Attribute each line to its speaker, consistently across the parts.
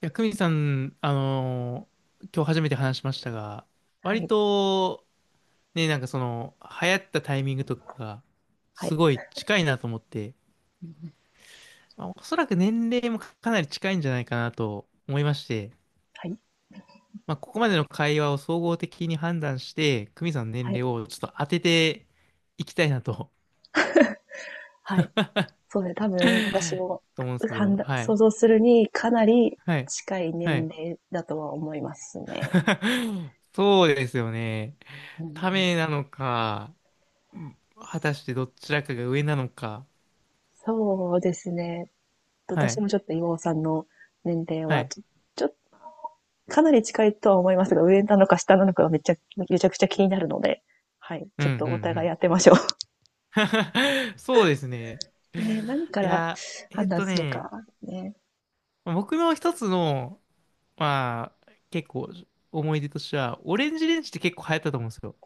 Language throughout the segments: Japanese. Speaker 1: 久美さん、今日初めて話しましたが、
Speaker 2: は
Speaker 1: 割
Speaker 2: い、
Speaker 1: と、ね、流行ったタイミングとかが、
Speaker 2: は
Speaker 1: す
Speaker 2: い。
Speaker 1: ごい近いなと思って、
Speaker 2: うん、
Speaker 1: まあ、おそらく年齢もかなり近いんじゃないかなと思いまして、
Speaker 2: はい、
Speaker 1: まあ、ここまでの会話を総合的に判断して、久美さんの
Speaker 2: は
Speaker 1: 年齢
Speaker 2: い、
Speaker 1: をちょっと当てていきたいなと、
Speaker 2: はい。そうね、多分私 も、
Speaker 1: と思うんですけ
Speaker 2: 判
Speaker 1: ど、
Speaker 2: 断
Speaker 1: は
Speaker 2: 想
Speaker 1: い。
Speaker 2: 像するにかなり
Speaker 1: はい。
Speaker 2: 近い
Speaker 1: は
Speaker 2: 年
Speaker 1: い。
Speaker 2: 齢だとは思いますね。
Speaker 1: そうですよね。
Speaker 2: う
Speaker 1: た
Speaker 2: ん。
Speaker 1: めなのか、果たしてどちらかが上なのか。
Speaker 2: そうですね。
Speaker 1: は
Speaker 2: 私
Speaker 1: い。
Speaker 2: もちょっと岩尾さんの年齢
Speaker 1: は
Speaker 2: は、
Speaker 1: い。
Speaker 2: ちょちょかなり近いとは思いますが、上なのか下なのかがめちゃくちゃ気になるので、はい、
Speaker 1: う
Speaker 2: ち
Speaker 1: ん
Speaker 2: ょ
Speaker 1: う
Speaker 2: っとお互い
Speaker 1: ん
Speaker 2: やってましょう。
Speaker 1: うん。そうですね。
Speaker 2: ね、何か
Speaker 1: い
Speaker 2: ら
Speaker 1: や、え
Speaker 2: 判
Speaker 1: っ
Speaker 2: 断
Speaker 1: と
Speaker 2: する
Speaker 1: ね、
Speaker 2: か、ね。
Speaker 1: 僕の一つの、まあ、結構思い出としては、オレンジレンジって結構流行ったと思うんですよ。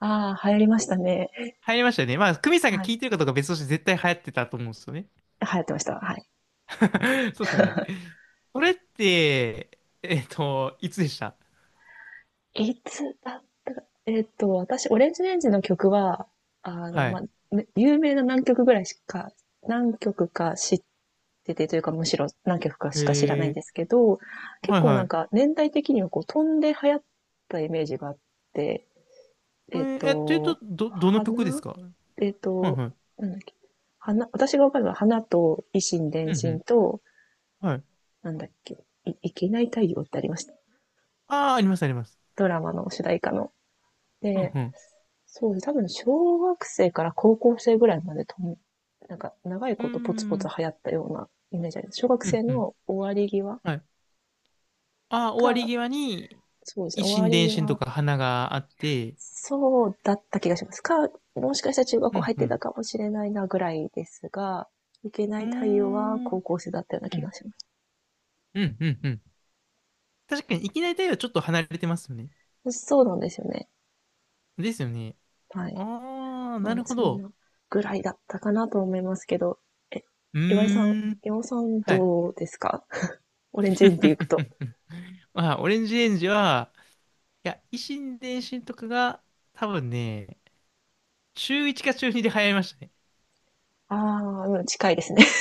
Speaker 2: ああ、流行りましたね。
Speaker 1: 流行りましたよね。まあ、クミさんが
Speaker 2: はい。
Speaker 1: 聞
Speaker 2: 流
Speaker 1: いてるかどうか別として絶対流行ってたと思うんですよね。
Speaker 2: 行ってました。はい。
Speaker 1: そうですよね。それって、いつでした
Speaker 2: いつだったか、私、オレンジレンジの曲は、あの、
Speaker 1: は
Speaker 2: ま
Speaker 1: い。
Speaker 2: あ、ね有名な何曲ぐらいしか、何曲か知っててというか、むしろ何曲かしか知らないん
Speaker 1: え
Speaker 2: ですけど、
Speaker 1: ー、
Speaker 2: 結
Speaker 1: はい
Speaker 2: 構
Speaker 1: は
Speaker 2: なんか
Speaker 1: い。
Speaker 2: 年代的にはこう飛んで流行ったイメージがあって、えっ
Speaker 1: というと、
Speaker 2: と、
Speaker 1: の
Speaker 2: 花
Speaker 1: 曲ですかは
Speaker 2: えっ
Speaker 1: い
Speaker 2: と、
Speaker 1: はい。
Speaker 2: なんだっけ、花、私がわかるのは花と維新
Speaker 1: うん
Speaker 2: 伝
Speaker 1: う
Speaker 2: 心
Speaker 1: ん。
Speaker 2: と、
Speaker 1: はい。
Speaker 2: なんだっけ、いけない太陽ってありました。
Speaker 1: ああ、あります、あります。
Speaker 2: ドラマの主題歌の。
Speaker 1: うん
Speaker 2: で、
Speaker 1: うん。
Speaker 2: そうです。多分小学生から高校生ぐらいまでなんか長い
Speaker 1: うー
Speaker 2: ことポツポツ
Speaker 1: ん。
Speaker 2: 流行ったようなイメージあります。小学
Speaker 1: うん
Speaker 2: 生
Speaker 1: うん。
Speaker 2: の終わり際
Speaker 1: はい。ああ、終わり
Speaker 2: か、
Speaker 1: 際に、
Speaker 2: そうです
Speaker 1: 一
Speaker 2: ね、終わ
Speaker 1: 心
Speaker 2: り
Speaker 1: 伝心と
Speaker 2: 際、
Speaker 1: か花があって、
Speaker 2: そうだった気がします。もしかしたら中学
Speaker 1: う
Speaker 2: 校
Speaker 1: ん
Speaker 2: 入っ
Speaker 1: う
Speaker 2: てた
Speaker 1: ん。
Speaker 2: かもしれないなぐらいですが、いけな
Speaker 1: うー
Speaker 2: い対応は
Speaker 1: ん。
Speaker 2: 高校生だったような
Speaker 1: う
Speaker 2: 気が
Speaker 1: ん。
Speaker 2: しま
Speaker 1: うん。確かに、いきなり太陽はちょっと離れてますよね。
Speaker 2: す。そうなんですよね。
Speaker 1: ですよね。
Speaker 2: はい。
Speaker 1: ああ、
Speaker 2: な
Speaker 1: な
Speaker 2: ので、
Speaker 1: るほ
Speaker 2: そん
Speaker 1: ど。
Speaker 2: なぐらいだったかなと思いますけど、え、
Speaker 1: う
Speaker 2: 岩井さん、
Speaker 1: ーん。
Speaker 2: 岩尾さん
Speaker 1: はい。
Speaker 2: どうですか？ オレンジインっていくと。
Speaker 1: まあ、オレンジレンジは、いや、維新伝心とかが、多分ね、中1か中2で流行りましたね。
Speaker 2: ああ、うん、近いですね。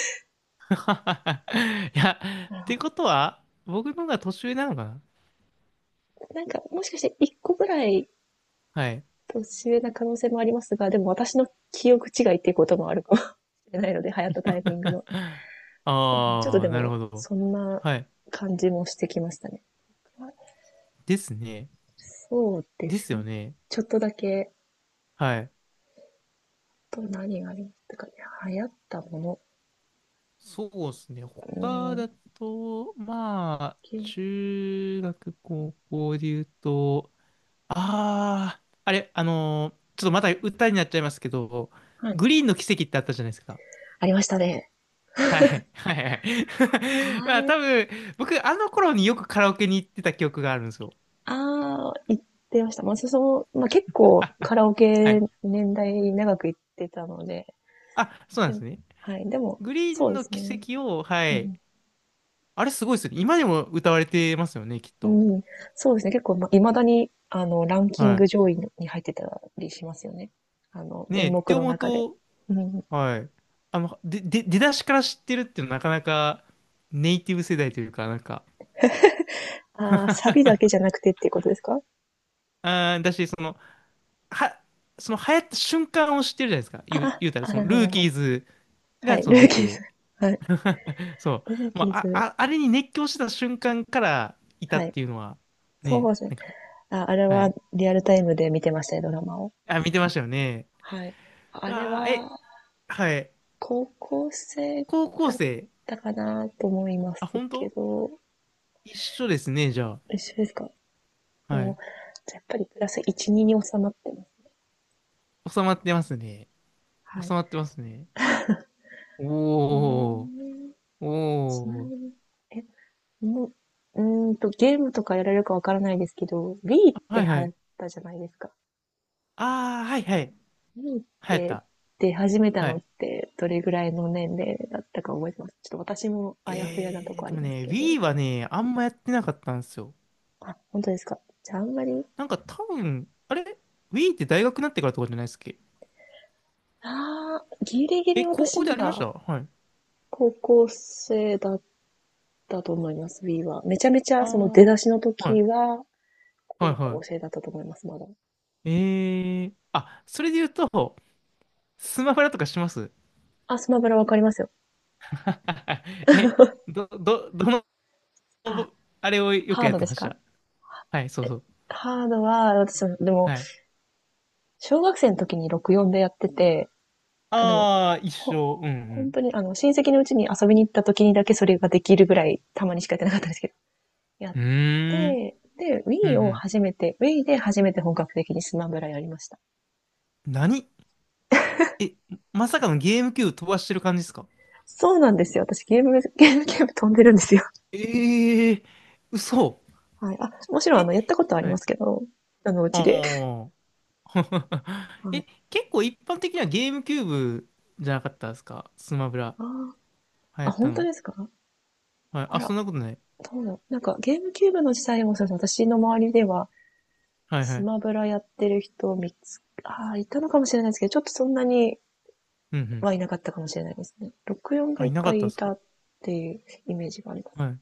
Speaker 1: いや、
Speaker 2: な
Speaker 1: っ
Speaker 2: る
Speaker 1: て
Speaker 2: ほ
Speaker 1: ことは、僕の方が年上なのかな
Speaker 2: ど。なんか、もしかして1個ぐらい
Speaker 1: はい。
Speaker 2: 年上な可能性もありますが、でも私の記憶違いっていうこともあるかもしれないので、流行ったタイミングの。そうね、ちょっと
Speaker 1: あ
Speaker 2: で
Speaker 1: あ、なる
Speaker 2: も、
Speaker 1: ほど。
Speaker 2: そんな
Speaker 1: はい。
Speaker 2: 感じもしてきましたね。
Speaker 1: ですね。
Speaker 2: そうで
Speaker 1: で
Speaker 2: す
Speaker 1: す
Speaker 2: ね。
Speaker 1: よね。
Speaker 2: ちょっとだけ、
Speaker 1: はい。
Speaker 2: と何がありましたかね。流行ったもの。
Speaker 1: そうですね。
Speaker 2: うー
Speaker 1: 他
Speaker 2: ん、
Speaker 1: だと、まあ、
Speaker 2: け
Speaker 1: 中学、高校で言うと、ああ、あれ、ちょっとまた歌になっちゃいますけど、
Speaker 2: はい。
Speaker 1: グリーンの奇跡ってあったじゃないですか。
Speaker 2: ありましたね。
Speaker 1: はい、はい、はい。
Speaker 2: あ
Speaker 1: まあ、
Speaker 2: れ、
Speaker 1: 多分、僕、あの頃によくカラオケに行ってた記憶があるんですよ。
Speaker 2: ああ、行ってました。まあ、その、まあ、結構カ
Speaker 1: あ、
Speaker 2: ラオ
Speaker 1: は
Speaker 2: ケ
Speaker 1: い。
Speaker 2: 年代長く行ってたので、
Speaker 1: あ、そうなん
Speaker 2: で
Speaker 1: です
Speaker 2: も、
Speaker 1: ね。
Speaker 2: はい。でも、
Speaker 1: グリー
Speaker 2: そ
Speaker 1: ン
Speaker 2: うで
Speaker 1: の
Speaker 2: す
Speaker 1: 奇
Speaker 2: ね。
Speaker 1: 跡を、は
Speaker 2: う
Speaker 1: い。
Speaker 2: ん。
Speaker 1: あれすごいですよね。今でも歌われてますよね、きっ
Speaker 2: う
Speaker 1: と。
Speaker 2: ん。そうですね。結構、ま、未だに、あの、ランキン
Speaker 1: は
Speaker 2: グ上位に入ってたりしますよね。あの、
Speaker 1: い。ねえ、
Speaker 2: 電
Speaker 1: って
Speaker 2: 目の
Speaker 1: 思う
Speaker 2: 中で。
Speaker 1: と、
Speaker 2: うん。
Speaker 1: はい。あの、出だしから知ってるっていうのはなかなかネイティブ世代というか、なんか、
Speaker 2: ああ、サビだけ じゃなくてっていうことですか？
Speaker 1: あー、だし、その、は、その流行った瞬間を知ってるじゃないですか。
Speaker 2: ああ、
Speaker 1: 言うたら、
Speaker 2: あ、
Speaker 1: そ
Speaker 2: な
Speaker 1: の、
Speaker 2: るほど、
Speaker 1: ル
Speaker 2: な
Speaker 1: ー
Speaker 2: るほ
Speaker 1: キ
Speaker 2: ど。
Speaker 1: ーズ
Speaker 2: は
Speaker 1: が、
Speaker 2: い。
Speaker 1: そ
Speaker 2: ル
Speaker 1: の
Speaker 2: ー
Speaker 1: 出
Speaker 2: キーズ。
Speaker 1: て、
Speaker 2: はい。
Speaker 1: そ
Speaker 2: ルー
Speaker 1: う。ま
Speaker 2: キー
Speaker 1: あ、あ、
Speaker 2: ズ。
Speaker 1: ああれに熱狂した瞬間からいた
Speaker 2: は
Speaker 1: っ
Speaker 2: い。
Speaker 1: ていうのは、
Speaker 2: そう
Speaker 1: ね、
Speaker 2: です
Speaker 1: な
Speaker 2: ね。
Speaker 1: んか、
Speaker 2: あ、あれ
Speaker 1: は
Speaker 2: は
Speaker 1: い。
Speaker 2: リアルタイムで見てましたね、ドラマを。
Speaker 1: あ、見てましたよね。
Speaker 2: はい。あれ
Speaker 1: あー、え、
Speaker 2: は、
Speaker 1: はい。
Speaker 2: 高校生
Speaker 1: 高校
Speaker 2: だっ
Speaker 1: 生。
Speaker 2: たかなと思いま
Speaker 1: あ、
Speaker 2: す
Speaker 1: 本
Speaker 2: け
Speaker 1: 当
Speaker 2: ど、
Speaker 1: 一緒ですね、じゃ
Speaker 2: 一緒ですか？
Speaker 1: あ。はい。
Speaker 2: もう、じゃあやっぱりプラス1、2に収まってます。
Speaker 1: 収まってますね。
Speaker 2: は
Speaker 1: 収
Speaker 2: い。
Speaker 1: まってますね。
Speaker 2: え
Speaker 1: おー、
Speaker 2: ー、ちなみ
Speaker 1: おー。
Speaker 2: に、え、もう、ゲームとかやられるかわからないですけど、Wii っ
Speaker 1: あ
Speaker 2: て
Speaker 1: はい
Speaker 2: 流
Speaker 1: は
Speaker 2: 行っ
Speaker 1: い。
Speaker 2: たじゃないですか。
Speaker 1: あー、はいはい。流
Speaker 2: Wii っ
Speaker 1: 行っ
Speaker 2: て
Speaker 1: た。
Speaker 2: 出始めた
Speaker 1: は
Speaker 2: のっ
Speaker 1: い。
Speaker 2: てどれぐらいの年齢だったか覚えてます？ちょっと私もあやふやなと
Speaker 1: えー、
Speaker 2: こあ
Speaker 1: で
Speaker 2: り
Speaker 1: も
Speaker 2: ます
Speaker 1: ね、
Speaker 2: けど。
Speaker 1: Wii はね、あんまやってなかったんですよ。
Speaker 2: あ、本当ですか。じゃああんまり、
Speaker 1: なんか多分、あれ ?Wii って大学になってからとかじゃないっすっけ
Speaker 2: ギリギ
Speaker 1: え、
Speaker 2: リ
Speaker 1: 高
Speaker 2: 私
Speaker 1: 校で
Speaker 2: ま
Speaker 1: ありまし
Speaker 2: だ
Speaker 1: たはい。
Speaker 2: 高校生だったと思います、Wii は。めちゃめち
Speaker 1: あ
Speaker 2: ゃその出だしの
Speaker 1: あ。はい。
Speaker 2: 時は、
Speaker 1: はい
Speaker 2: 高校
Speaker 1: は
Speaker 2: 生だったと思います、まだ。
Speaker 1: い。えー。あ、それで言うと、スマブラとかします
Speaker 2: あ、スマブラわかりますよ。
Speaker 1: え、どの、
Speaker 2: あ、
Speaker 1: あれをよく
Speaker 2: ハー
Speaker 1: やっ
Speaker 2: ド
Speaker 1: て
Speaker 2: で
Speaker 1: ま
Speaker 2: す
Speaker 1: し
Speaker 2: か？
Speaker 1: た。はい、そう
Speaker 2: え、
Speaker 1: そう。
Speaker 2: ハードは、私も、でも、
Speaker 1: はい。
Speaker 2: 小学生の時に64でやってて、あ、でも、
Speaker 1: ああ、一
Speaker 2: ほ、
Speaker 1: 緒。う
Speaker 2: 本
Speaker 1: ん
Speaker 2: 当に、あの、親戚のうちに遊びに行った時にだけそれができるぐらい、たまにしかやってなかったんですけど、やっ
Speaker 1: うん。うーん。
Speaker 2: て、で、
Speaker 1: う
Speaker 2: Wii を
Speaker 1: ん
Speaker 2: 初めて、Wii で初めて本格的にスマブラやりました。
Speaker 1: うん。何え、まさかのゲームキューブ飛ばしてる感じですか
Speaker 2: そうなんですよ。私ゲーム飛んでるんですよ。
Speaker 1: ええー、嘘。
Speaker 2: はい。あ、もちろん、あ
Speaker 1: え、
Speaker 2: の、やったことはあり
Speaker 1: は
Speaker 2: ま
Speaker 1: い。
Speaker 2: すけど、あの、うちで。
Speaker 1: ああ。
Speaker 2: は
Speaker 1: え、
Speaker 2: い。
Speaker 1: 結構一般的にはゲームキューブじゃなかったですかスマブラ。
Speaker 2: あ
Speaker 1: 流行
Speaker 2: あ、
Speaker 1: った
Speaker 2: 本当
Speaker 1: の。
Speaker 2: ですか？
Speaker 1: はい。
Speaker 2: あ
Speaker 1: あ、そ
Speaker 2: ら、
Speaker 1: んなことない。
Speaker 2: どうだろう。なんか、ゲームキューブの時代もそうですね、私の周りでは、
Speaker 1: はいは
Speaker 2: ス
Speaker 1: い。
Speaker 2: マブラやってる人をああ、いたのかもしれないですけど、ちょっとそんなに
Speaker 1: うんうん。
Speaker 2: はいなかったかもしれないですね。64が
Speaker 1: あ、
Speaker 2: いっ
Speaker 1: いなか
Speaker 2: ぱ
Speaker 1: っ
Speaker 2: い
Speaker 1: たで
Speaker 2: い
Speaker 1: す
Speaker 2: た
Speaker 1: か
Speaker 2: っていうイメージがあります。
Speaker 1: はい。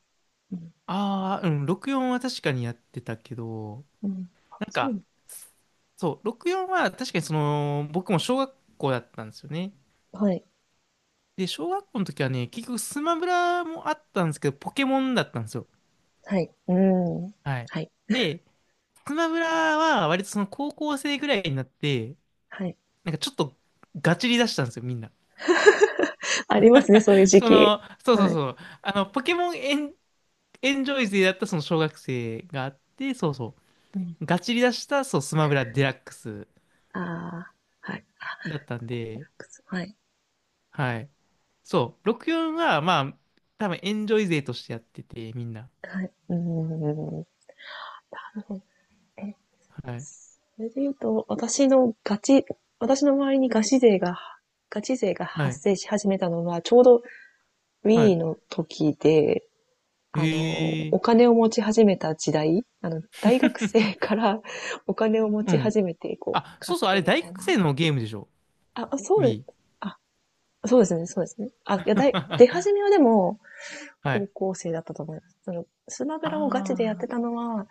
Speaker 2: うん。
Speaker 1: ああ、うん、64は確かにやってたけど、
Speaker 2: うん。あ、
Speaker 1: なん
Speaker 2: そうい
Speaker 1: か、
Speaker 2: う
Speaker 1: そう、64は確かにその、僕も小学校だったんですよね。
Speaker 2: の。はい。
Speaker 1: で、小学校の時はね、結局スマブラもあったんですけど、ポケモンだったんですよ。
Speaker 2: はい。うん。
Speaker 1: はい。
Speaker 2: はい。
Speaker 1: で、スマブラは割とその高校生ぐらいになって、
Speaker 2: はい。
Speaker 1: なんかちょっとガチリ出したんですよ、みんな。
Speaker 2: ありますね、そういう時
Speaker 1: そ
Speaker 2: 期。
Speaker 1: の、そうそう
Speaker 2: はい。
Speaker 1: そう。あの、ポケモンエン、エンジョイ勢だったその小学生があって、そうそ
Speaker 2: うん。
Speaker 1: う。ガチリ出した、そう、スマブラデラックス
Speaker 2: ああ、はい。あ、
Speaker 1: だったんで、
Speaker 2: くそはい。
Speaker 1: はい。そう、64は、まあ、多分エンジョイ勢としてやってて、みんな。
Speaker 2: はい。うん。なるほど。
Speaker 1: はい。
Speaker 2: それで言うと、私の周りにガチ勢が
Speaker 1: は
Speaker 2: 発
Speaker 1: い。
Speaker 2: 生し始めたのは、ちょうど
Speaker 1: は
Speaker 2: Wii
Speaker 1: い。
Speaker 2: の時で、あの、
Speaker 1: へえ。
Speaker 2: お金を持ち始めた時代、あの、大学生 から お金を持
Speaker 1: う
Speaker 2: ち
Speaker 1: ん。
Speaker 2: 始めて、こう、
Speaker 1: あ、
Speaker 2: 買
Speaker 1: そ
Speaker 2: っ
Speaker 1: うそう、あ
Speaker 2: て
Speaker 1: れ
Speaker 2: み
Speaker 1: 大
Speaker 2: たい
Speaker 1: 学
Speaker 2: な。
Speaker 1: 生のゲームでしょ
Speaker 2: あ、そうです。
Speaker 1: ?Wii。
Speaker 2: あ、そうですね、そうですね。あ、いや、出始め はでも、
Speaker 1: は
Speaker 2: 高
Speaker 1: い。
Speaker 2: 校生だったと思います。その、スマブラをガチでやっ
Speaker 1: あ
Speaker 2: てた
Speaker 1: あ。
Speaker 2: のは、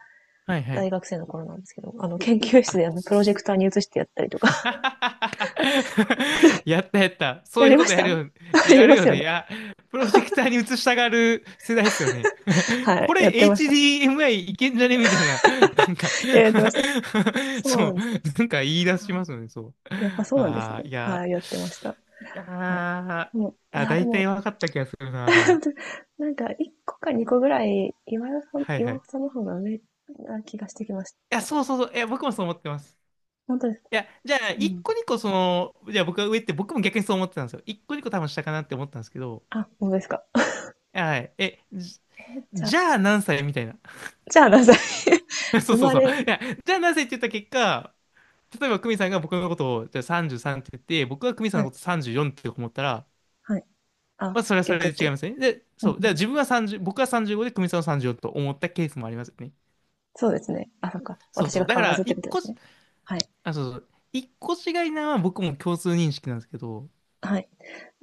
Speaker 1: はいは
Speaker 2: 大
Speaker 1: い。
Speaker 2: 学生の頃なんですけど、あの、研究室
Speaker 1: あ、
Speaker 2: であの、プロジェクターに移してやったりとか
Speaker 1: やったやった。そ
Speaker 2: や
Speaker 1: うい
Speaker 2: り
Speaker 1: うこ
Speaker 2: ま
Speaker 1: と
Speaker 2: し
Speaker 1: や
Speaker 2: た。
Speaker 1: る よ、
Speaker 2: や
Speaker 1: や
Speaker 2: り
Speaker 1: る
Speaker 2: ます
Speaker 1: よ
Speaker 2: よ
Speaker 1: ね。い
Speaker 2: ね。
Speaker 1: や、プロジェクターに映したがる世代ですよね。
Speaker 2: はい。
Speaker 1: こ
Speaker 2: やっ
Speaker 1: れ
Speaker 2: てました。
Speaker 1: HDMI いけんじゃねみたいな。なんか
Speaker 2: いや、やってました。 そう
Speaker 1: そ
Speaker 2: な
Speaker 1: う。
Speaker 2: んですよ。
Speaker 1: なんか言い
Speaker 2: は
Speaker 1: 出し
Speaker 2: あ、
Speaker 1: ますよね、そう。
Speaker 2: やっぱそうなんです
Speaker 1: あ
Speaker 2: ね。
Speaker 1: あ、い
Speaker 2: は
Speaker 1: や、
Speaker 2: い。あ、やってました。
Speaker 1: いや
Speaker 2: はい。
Speaker 1: ー、
Speaker 2: でも、い
Speaker 1: あ、
Speaker 2: や、で
Speaker 1: 大体
Speaker 2: も、
Speaker 1: 分かった気がするな、でも。
Speaker 2: なんか、1個か2個ぐらい、
Speaker 1: はいは
Speaker 2: 岩
Speaker 1: い。
Speaker 2: 尾さ
Speaker 1: い
Speaker 2: んの方が上な気がしてきまし
Speaker 1: や、
Speaker 2: た。
Speaker 1: そう。いや、僕もそう思ってます。
Speaker 2: 本当ですか？
Speaker 1: いや、じゃあ、
Speaker 2: う
Speaker 1: 一
Speaker 2: ん。
Speaker 1: 個二個その、じゃあ僕が上って僕も逆にそう思ってたんですよ。一個二個多分下かなって思ったんですけど、
Speaker 2: あ、本当ですか。
Speaker 1: はい。え、じ、
Speaker 2: えーじゃあ、
Speaker 1: じゃあ何歳みたいな。
Speaker 2: じゃあ何歳？
Speaker 1: そ
Speaker 2: 生
Speaker 1: うそう
Speaker 2: ま
Speaker 1: そう。い
Speaker 2: れ、
Speaker 1: や、じゃあ何歳って言った結果、例えば久美さんが僕のことをじゃあ33って言って、僕が久美さ
Speaker 2: は
Speaker 1: んの
Speaker 2: い、
Speaker 1: こと34って思ったら、
Speaker 2: はい。あ、
Speaker 1: まあそれはそ
Speaker 2: 逆っ
Speaker 1: れで違い
Speaker 2: て。
Speaker 1: ますね。で、
Speaker 2: うん。
Speaker 1: そう。じゃあ自分は30、僕は35で久美さんは34と思ったケースもありますよね。
Speaker 2: そうですね。あ、そっか。
Speaker 1: そう
Speaker 2: 私
Speaker 1: そ
Speaker 2: が
Speaker 1: う。だ
Speaker 2: 変
Speaker 1: か
Speaker 2: わらず
Speaker 1: ら、
Speaker 2: ってこ
Speaker 1: 一
Speaker 2: とで
Speaker 1: 個
Speaker 2: す
Speaker 1: し、
Speaker 2: ね。はい。
Speaker 1: あ、そうそう。一個違いなのは僕も共通認識なんですけど、
Speaker 2: はい。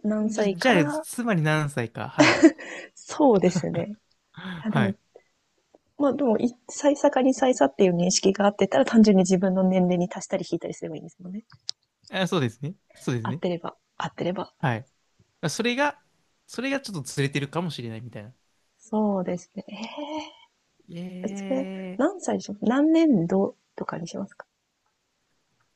Speaker 2: 何歳
Speaker 1: じ
Speaker 2: か
Speaker 1: ゃあ、
Speaker 2: ら、
Speaker 1: つまり何歳か。はい。
Speaker 2: そうですね。あ、で
Speaker 1: は
Speaker 2: も、
Speaker 1: い。
Speaker 2: まあでも、い歳差かに歳差っていう認識があってたら、単純に自分の年齢に足したり引いたりすればいいんですもんね。
Speaker 1: あ、そうですね。そうです
Speaker 2: 合っ
Speaker 1: ね。
Speaker 2: てれば、合ってれば。
Speaker 1: はい。それが、それがちょっとずれてるかもしれないみたいな。
Speaker 2: そうですね。ええーそれ、
Speaker 1: ええ
Speaker 2: 何歳でしょう？何年度とかにしますか？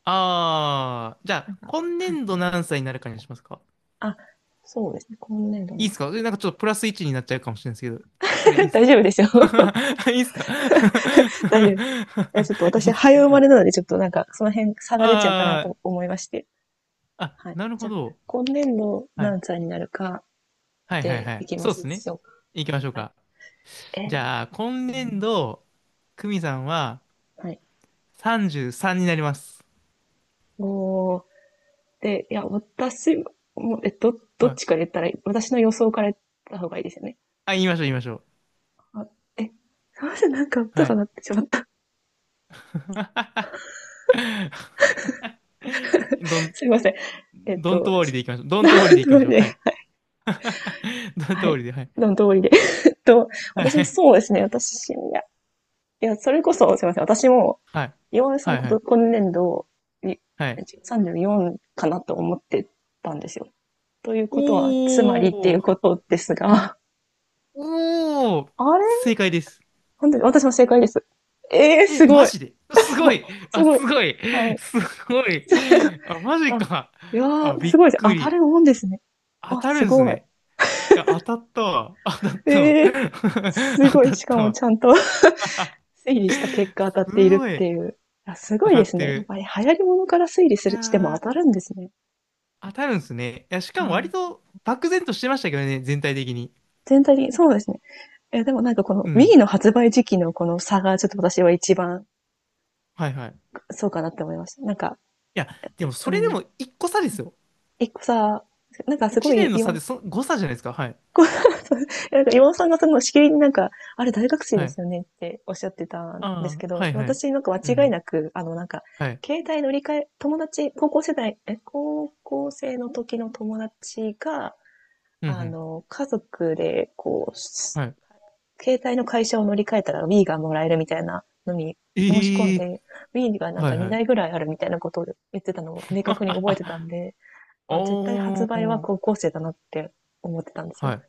Speaker 1: ああ、じゃ
Speaker 2: なん
Speaker 1: あ、
Speaker 2: か、
Speaker 1: 今
Speaker 2: はい。
Speaker 1: 年度何歳になるかにしますか
Speaker 2: あ、そうですね。今年度な
Speaker 1: いい
Speaker 2: ん
Speaker 1: で
Speaker 2: で
Speaker 1: す
Speaker 2: す。
Speaker 1: かえなんかちょっとプラス1になっちゃうかもしれないですけど、それいい です
Speaker 2: 大
Speaker 1: か
Speaker 2: 丈夫ですよ。
Speaker 1: いいですか
Speaker 2: 大丈夫です。いや、ちょっと
Speaker 1: いい
Speaker 2: 私、
Speaker 1: ですか
Speaker 2: 早生まれなので、ちょっとなんか、その辺差が出ちゃうかな
Speaker 1: あ
Speaker 2: と思いまして。
Speaker 1: あー、あ、
Speaker 2: はい。
Speaker 1: なる
Speaker 2: じ
Speaker 1: ほ
Speaker 2: ゃあ、
Speaker 1: ど。
Speaker 2: 今年度
Speaker 1: はい。
Speaker 2: 何歳になるか
Speaker 1: はいはい
Speaker 2: で
Speaker 1: は
Speaker 2: い
Speaker 1: い。
Speaker 2: きま
Speaker 1: そうで
Speaker 2: す
Speaker 1: す
Speaker 2: で
Speaker 1: ね。
Speaker 2: しょうか。
Speaker 1: 行きましょう
Speaker 2: はい。
Speaker 1: か。じ
Speaker 2: え
Speaker 1: ゃあ、今年度、久美さんは
Speaker 2: はい。
Speaker 1: 33になります。
Speaker 2: おー。で、いや、私も、ど
Speaker 1: は
Speaker 2: っ
Speaker 1: い。
Speaker 2: ちから言ったらいい？私の予想から言った方がいいですよね。
Speaker 1: あ、言いましょう言いましょう。
Speaker 2: あ、え、すいません、なんか音
Speaker 1: は
Speaker 2: が
Speaker 1: い。
Speaker 2: 鳴ってしまった。
Speaker 1: どん、
Speaker 2: すいません。
Speaker 1: どんとおり
Speaker 2: し
Speaker 1: でいきましょう。どんとおりでいき
Speaker 2: ど
Speaker 1: まし
Speaker 2: り
Speaker 1: ょう。は
Speaker 2: で、
Speaker 1: い。どん
Speaker 2: は
Speaker 1: とお
Speaker 2: い。
Speaker 1: りで、はい。
Speaker 2: の通りで。えっと、
Speaker 1: は
Speaker 2: 私も
Speaker 1: い。
Speaker 2: そうですね、私、いや、いや、それこそ、すいません、私も、
Speaker 1: はい。
Speaker 2: 岩尾さ
Speaker 1: は
Speaker 2: ん
Speaker 1: い。
Speaker 2: こ
Speaker 1: は
Speaker 2: と
Speaker 1: い。
Speaker 2: 今年度、い
Speaker 1: はい
Speaker 2: 34かなと思ってたんですよ。という
Speaker 1: お
Speaker 2: ことは、つまりっていう
Speaker 1: ー。
Speaker 2: ことですが、
Speaker 1: おー。
Speaker 2: あれ？
Speaker 1: 正解です。
Speaker 2: 本当に、私も正解です。ええ、
Speaker 1: え、
Speaker 2: すご
Speaker 1: マ
Speaker 2: い。
Speaker 1: ジですごい。
Speaker 2: す
Speaker 1: あ、
Speaker 2: ごい。
Speaker 1: すごい。
Speaker 2: はい。
Speaker 1: すごい。あ、マジ
Speaker 2: あ、
Speaker 1: か。
Speaker 2: いや
Speaker 1: あ、
Speaker 2: ー、
Speaker 1: び
Speaker 2: す
Speaker 1: っ
Speaker 2: ごいです。
Speaker 1: く
Speaker 2: 当た
Speaker 1: り。
Speaker 2: るもんですね。
Speaker 1: 当
Speaker 2: あ、
Speaker 1: たる
Speaker 2: す
Speaker 1: んす
Speaker 2: ごい。
Speaker 1: ね。いや、当たったわ。当たったわ。
Speaker 2: ええ、 す
Speaker 1: 当
Speaker 2: ごい。
Speaker 1: たっ
Speaker 2: しか
Speaker 1: た
Speaker 2: も
Speaker 1: わ。
Speaker 2: ちゃんと 推理した結 果当
Speaker 1: す
Speaker 2: たっている
Speaker 1: ご
Speaker 2: って
Speaker 1: い。
Speaker 2: いう。す
Speaker 1: 当
Speaker 2: ごい
Speaker 1: た
Speaker 2: で
Speaker 1: っ
Speaker 2: す
Speaker 1: て
Speaker 2: ね。やっ
Speaker 1: る。
Speaker 2: ぱり流行り物から推理す
Speaker 1: い
Speaker 2: る、しても
Speaker 1: や
Speaker 2: 当た
Speaker 1: ー。
Speaker 2: るんですね。
Speaker 1: 当たるんですね。いや、しかも
Speaker 2: は
Speaker 1: 割
Speaker 2: い。
Speaker 1: と漠然としてましたけどね、全体的に。
Speaker 2: 全体的に、そうですね。え、でもなんかこの
Speaker 1: うん。
Speaker 2: Wii の発売時期のこの差がちょっと私は一番
Speaker 1: はいはい。い
Speaker 2: そうかなって思いました。なんか、
Speaker 1: や、でもそ
Speaker 2: う
Speaker 1: れで
Speaker 2: ん。
Speaker 1: も一個差ですよ。
Speaker 2: 一個さ、なんかすご
Speaker 1: 1
Speaker 2: い
Speaker 1: 年の差で
Speaker 2: 今
Speaker 1: そ、誤差じゃないですか。はい。
Speaker 2: なんか岩尾さんがそのしきりになんか、あれ大学生
Speaker 1: は
Speaker 2: です
Speaker 1: い。
Speaker 2: よねっておっしゃってたんです
Speaker 1: あ
Speaker 2: け
Speaker 1: あ、
Speaker 2: ど、
Speaker 1: はいはい。
Speaker 2: 私なんか
Speaker 1: う
Speaker 2: 間違い
Speaker 1: ん。
Speaker 2: なく、あのなんか、
Speaker 1: はい。
Speaker 2: 携帯乗り換え、友達、高校世代、高校生の時の友達が、
Speaker 1: うんう
Speaker 2: あ
Speaker 1: ん。
Speaker 2: の、家族で、こう、
Speaker 1: はい。
Speaker 2: 携帯の会社を乗り換えたら Wii がもらえるみたいなのに申し込ん
Speaker 1: ええ
Speaker 2: で、Wii がなん
Speaker 1: は
Speaker 2: か
Speaker 1: いは
Speaker 2: 2
Speaker 1: い。
Speaker 2: 台ぐらいあるみたいなことを言ってたのを明確に覚えてたん で、まあ絶対発
Speaker 1: お
Speaker 2: 売は
Speaker 1: ー。
Speaker 2: 高校生だなって思ってたんです
Speaker 1: は
Speaker 2: よ。
Speaker 1: い。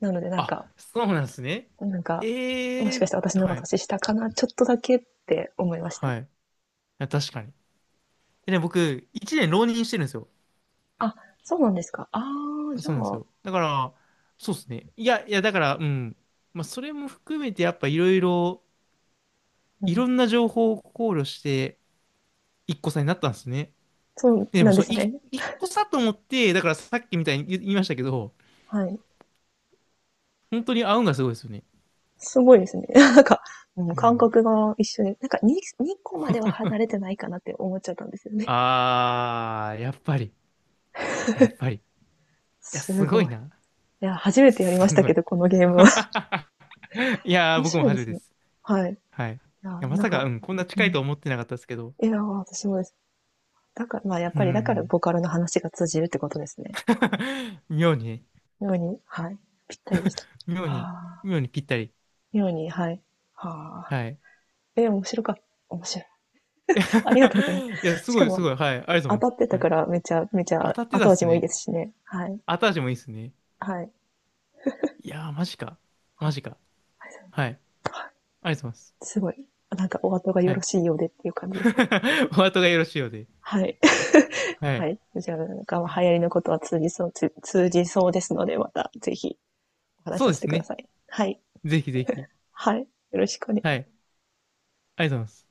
Speaker 2: なので
Speaker 1: あ、そうなんですね。
Speaker 2: なんか、も
Speaker 1: え
Speaker 2: しか
Speaker 1: え
Speaker 2: して私の方
Speaker 1: は
Speaker 2: が
Speaker 1: い。
Speaker 2: 年下かな？ちょっとだけって思いました。
Speaker 1: はい。いや、確かに。でね、僕、1年浪人してるんですよ。
Speaker 2: あ、そうなんですか。ああ、じゃ
Speaker 1: そうなんです
Speaker 2: あ、
Speaker 1: よ。だから、そうですね。いや、いや、だから、うん。まあ、それも含めて、やっぱいろいろ、
Speaker 2: う
Speaker 1: いろ
Speaker 2: ん。
Speaker 1: んな情報を考慮して、一個差になったんですね。
Speaker 2: そう
Speaker 1: で
Speaker 2: な
Speaker 1: も、
Speaker 2: んで
Speaker 1: そう、
Speaker 2: すね。
Speaker 1: 一個差と思って、だからさっきみたいに言いましたけど、
Speaker 2: はい。
Speaker 1: 本当に合うんがすごいですよね。
Speaker 2: すごいですね。なんか、うん、
Speaker 1: う
Speaker 2: 感
Speaker 1: ん。
Speaker 2: 覚が一緒に、なんか 2, 個までは離れてないかなって思っちゃったんですよね。
Speaker 1: あー、やっぱり、やっぱり。いや、
Speaker 2: す
Speaker 1: すごい
Speaker 2: ごい。
Speaker 1: な。
Speaker 2: いや、初めてやりまし
Speaker 1: す
Speaker 2: た
Speaker 1: ご
Speaker 2: け
Speaker 1: い。
Speaker 2: ど、このゲームは。
Speaker 1: いやー、
Speaker 2: 面
Speaker 1: 僕も
Speaker 2: 白いで
Speaker 1: 初め
Speaker 2: す
Speaker 1: てで
Speaker 2: ね。
Speaker 1: す。
Speaker 2: はい。い
Speaker 1: はい。い
Speaker 2: や、
Speaker 1: や、ま
Speaker 2: なん
Speaker 1: さ
Speaker 2: か、
Speaker 1: か、うん、こんな
Speaker 2: う
Speaker 1: 近いと
Speaker 2: ん。
Speaker 1: 思ってなかったですけど。
Speaker 2: いや、私もです。だから、まあ、やっ
Speaker 1: うん、う
Speaker 2: ぱり、だから、
Speaker 1: ん。
Speaker 2: ボカロの話が通じるってことですね。
Speaker 1: 妙にね。
Speaker 2: ように、はい。ぴったりでした。
Speaker 1: 妙に、
Speaker 2: ああ。
Speaker 1: 妙にぴったり。
Speaker 2: ように、はい。はあ。
Speaker 1: はい。
Speaker 2: え、面白かった。面白い。ありがとうございま
Speaker 1: いや、
Speaker 2: す。
Speaker 1: す
Speaker 2: し
Speaker 1: ご
Speaker 2: か
Speaker 1: い、す
Speaker 2: も、
Speaker 1: ごい。はい。ありがとうござ
Speaker 2: 当
Speaker 1: いま
Speaker 2: た
Speaker 1: す。
Speaker 2: ってた
Speaker 1: は
Speaker 2: か
Speaker 1: い。
Speaker 2: ら、めちゃめち
Speaker 1: 当
Speaker 2: ゃ
Speaker 1: たってた
Speaker 2: 後
Speaker 1: っす
Speaker 2: 味もいい
Speaker 1: ね。
Speaker 2: ですしね。はい。
Speaker 1: 後味もいいっすね。
Speaker 2: はい。
Speaker 1: いやー、マジか。
Speaker 2: は
Speaker 1: マ
Speaker 2: い。
Speaker 1: ジか。
Speaker 2: はい。
Speaker 1: はい。ありがとうございます。
Speaker 2: すごい。なんか、お後がよ
Speaker 1: は
Speaker 2: ろ
Speaker 1: い。
Speaker 2: しいようでっていう感じですね。
Speaker 1: お後がよろしいようで。
Speaker 2: はい。
Speaker 1: は
Speaker 2: は
Speaker 1: い。
Speaker 2: い。じゃあ、なんか、流行りのことは通じそう、通じそうですので、また、ぜひ、お話し
Speaker 1: そう
Speaker 2: さ
Speaker 1: で
Speaker 2: せて
Speaker 1: す
Speaker 2: くだ
Speaker 1: ね。
Speaker 2: さい。はい。
Speaker 1: ぜひぜひ。
Speaker 2: はい。よろしくお願いし
Speaker 1: は
Speaker 2: ます
Speaker 1: い。ありがとうございます。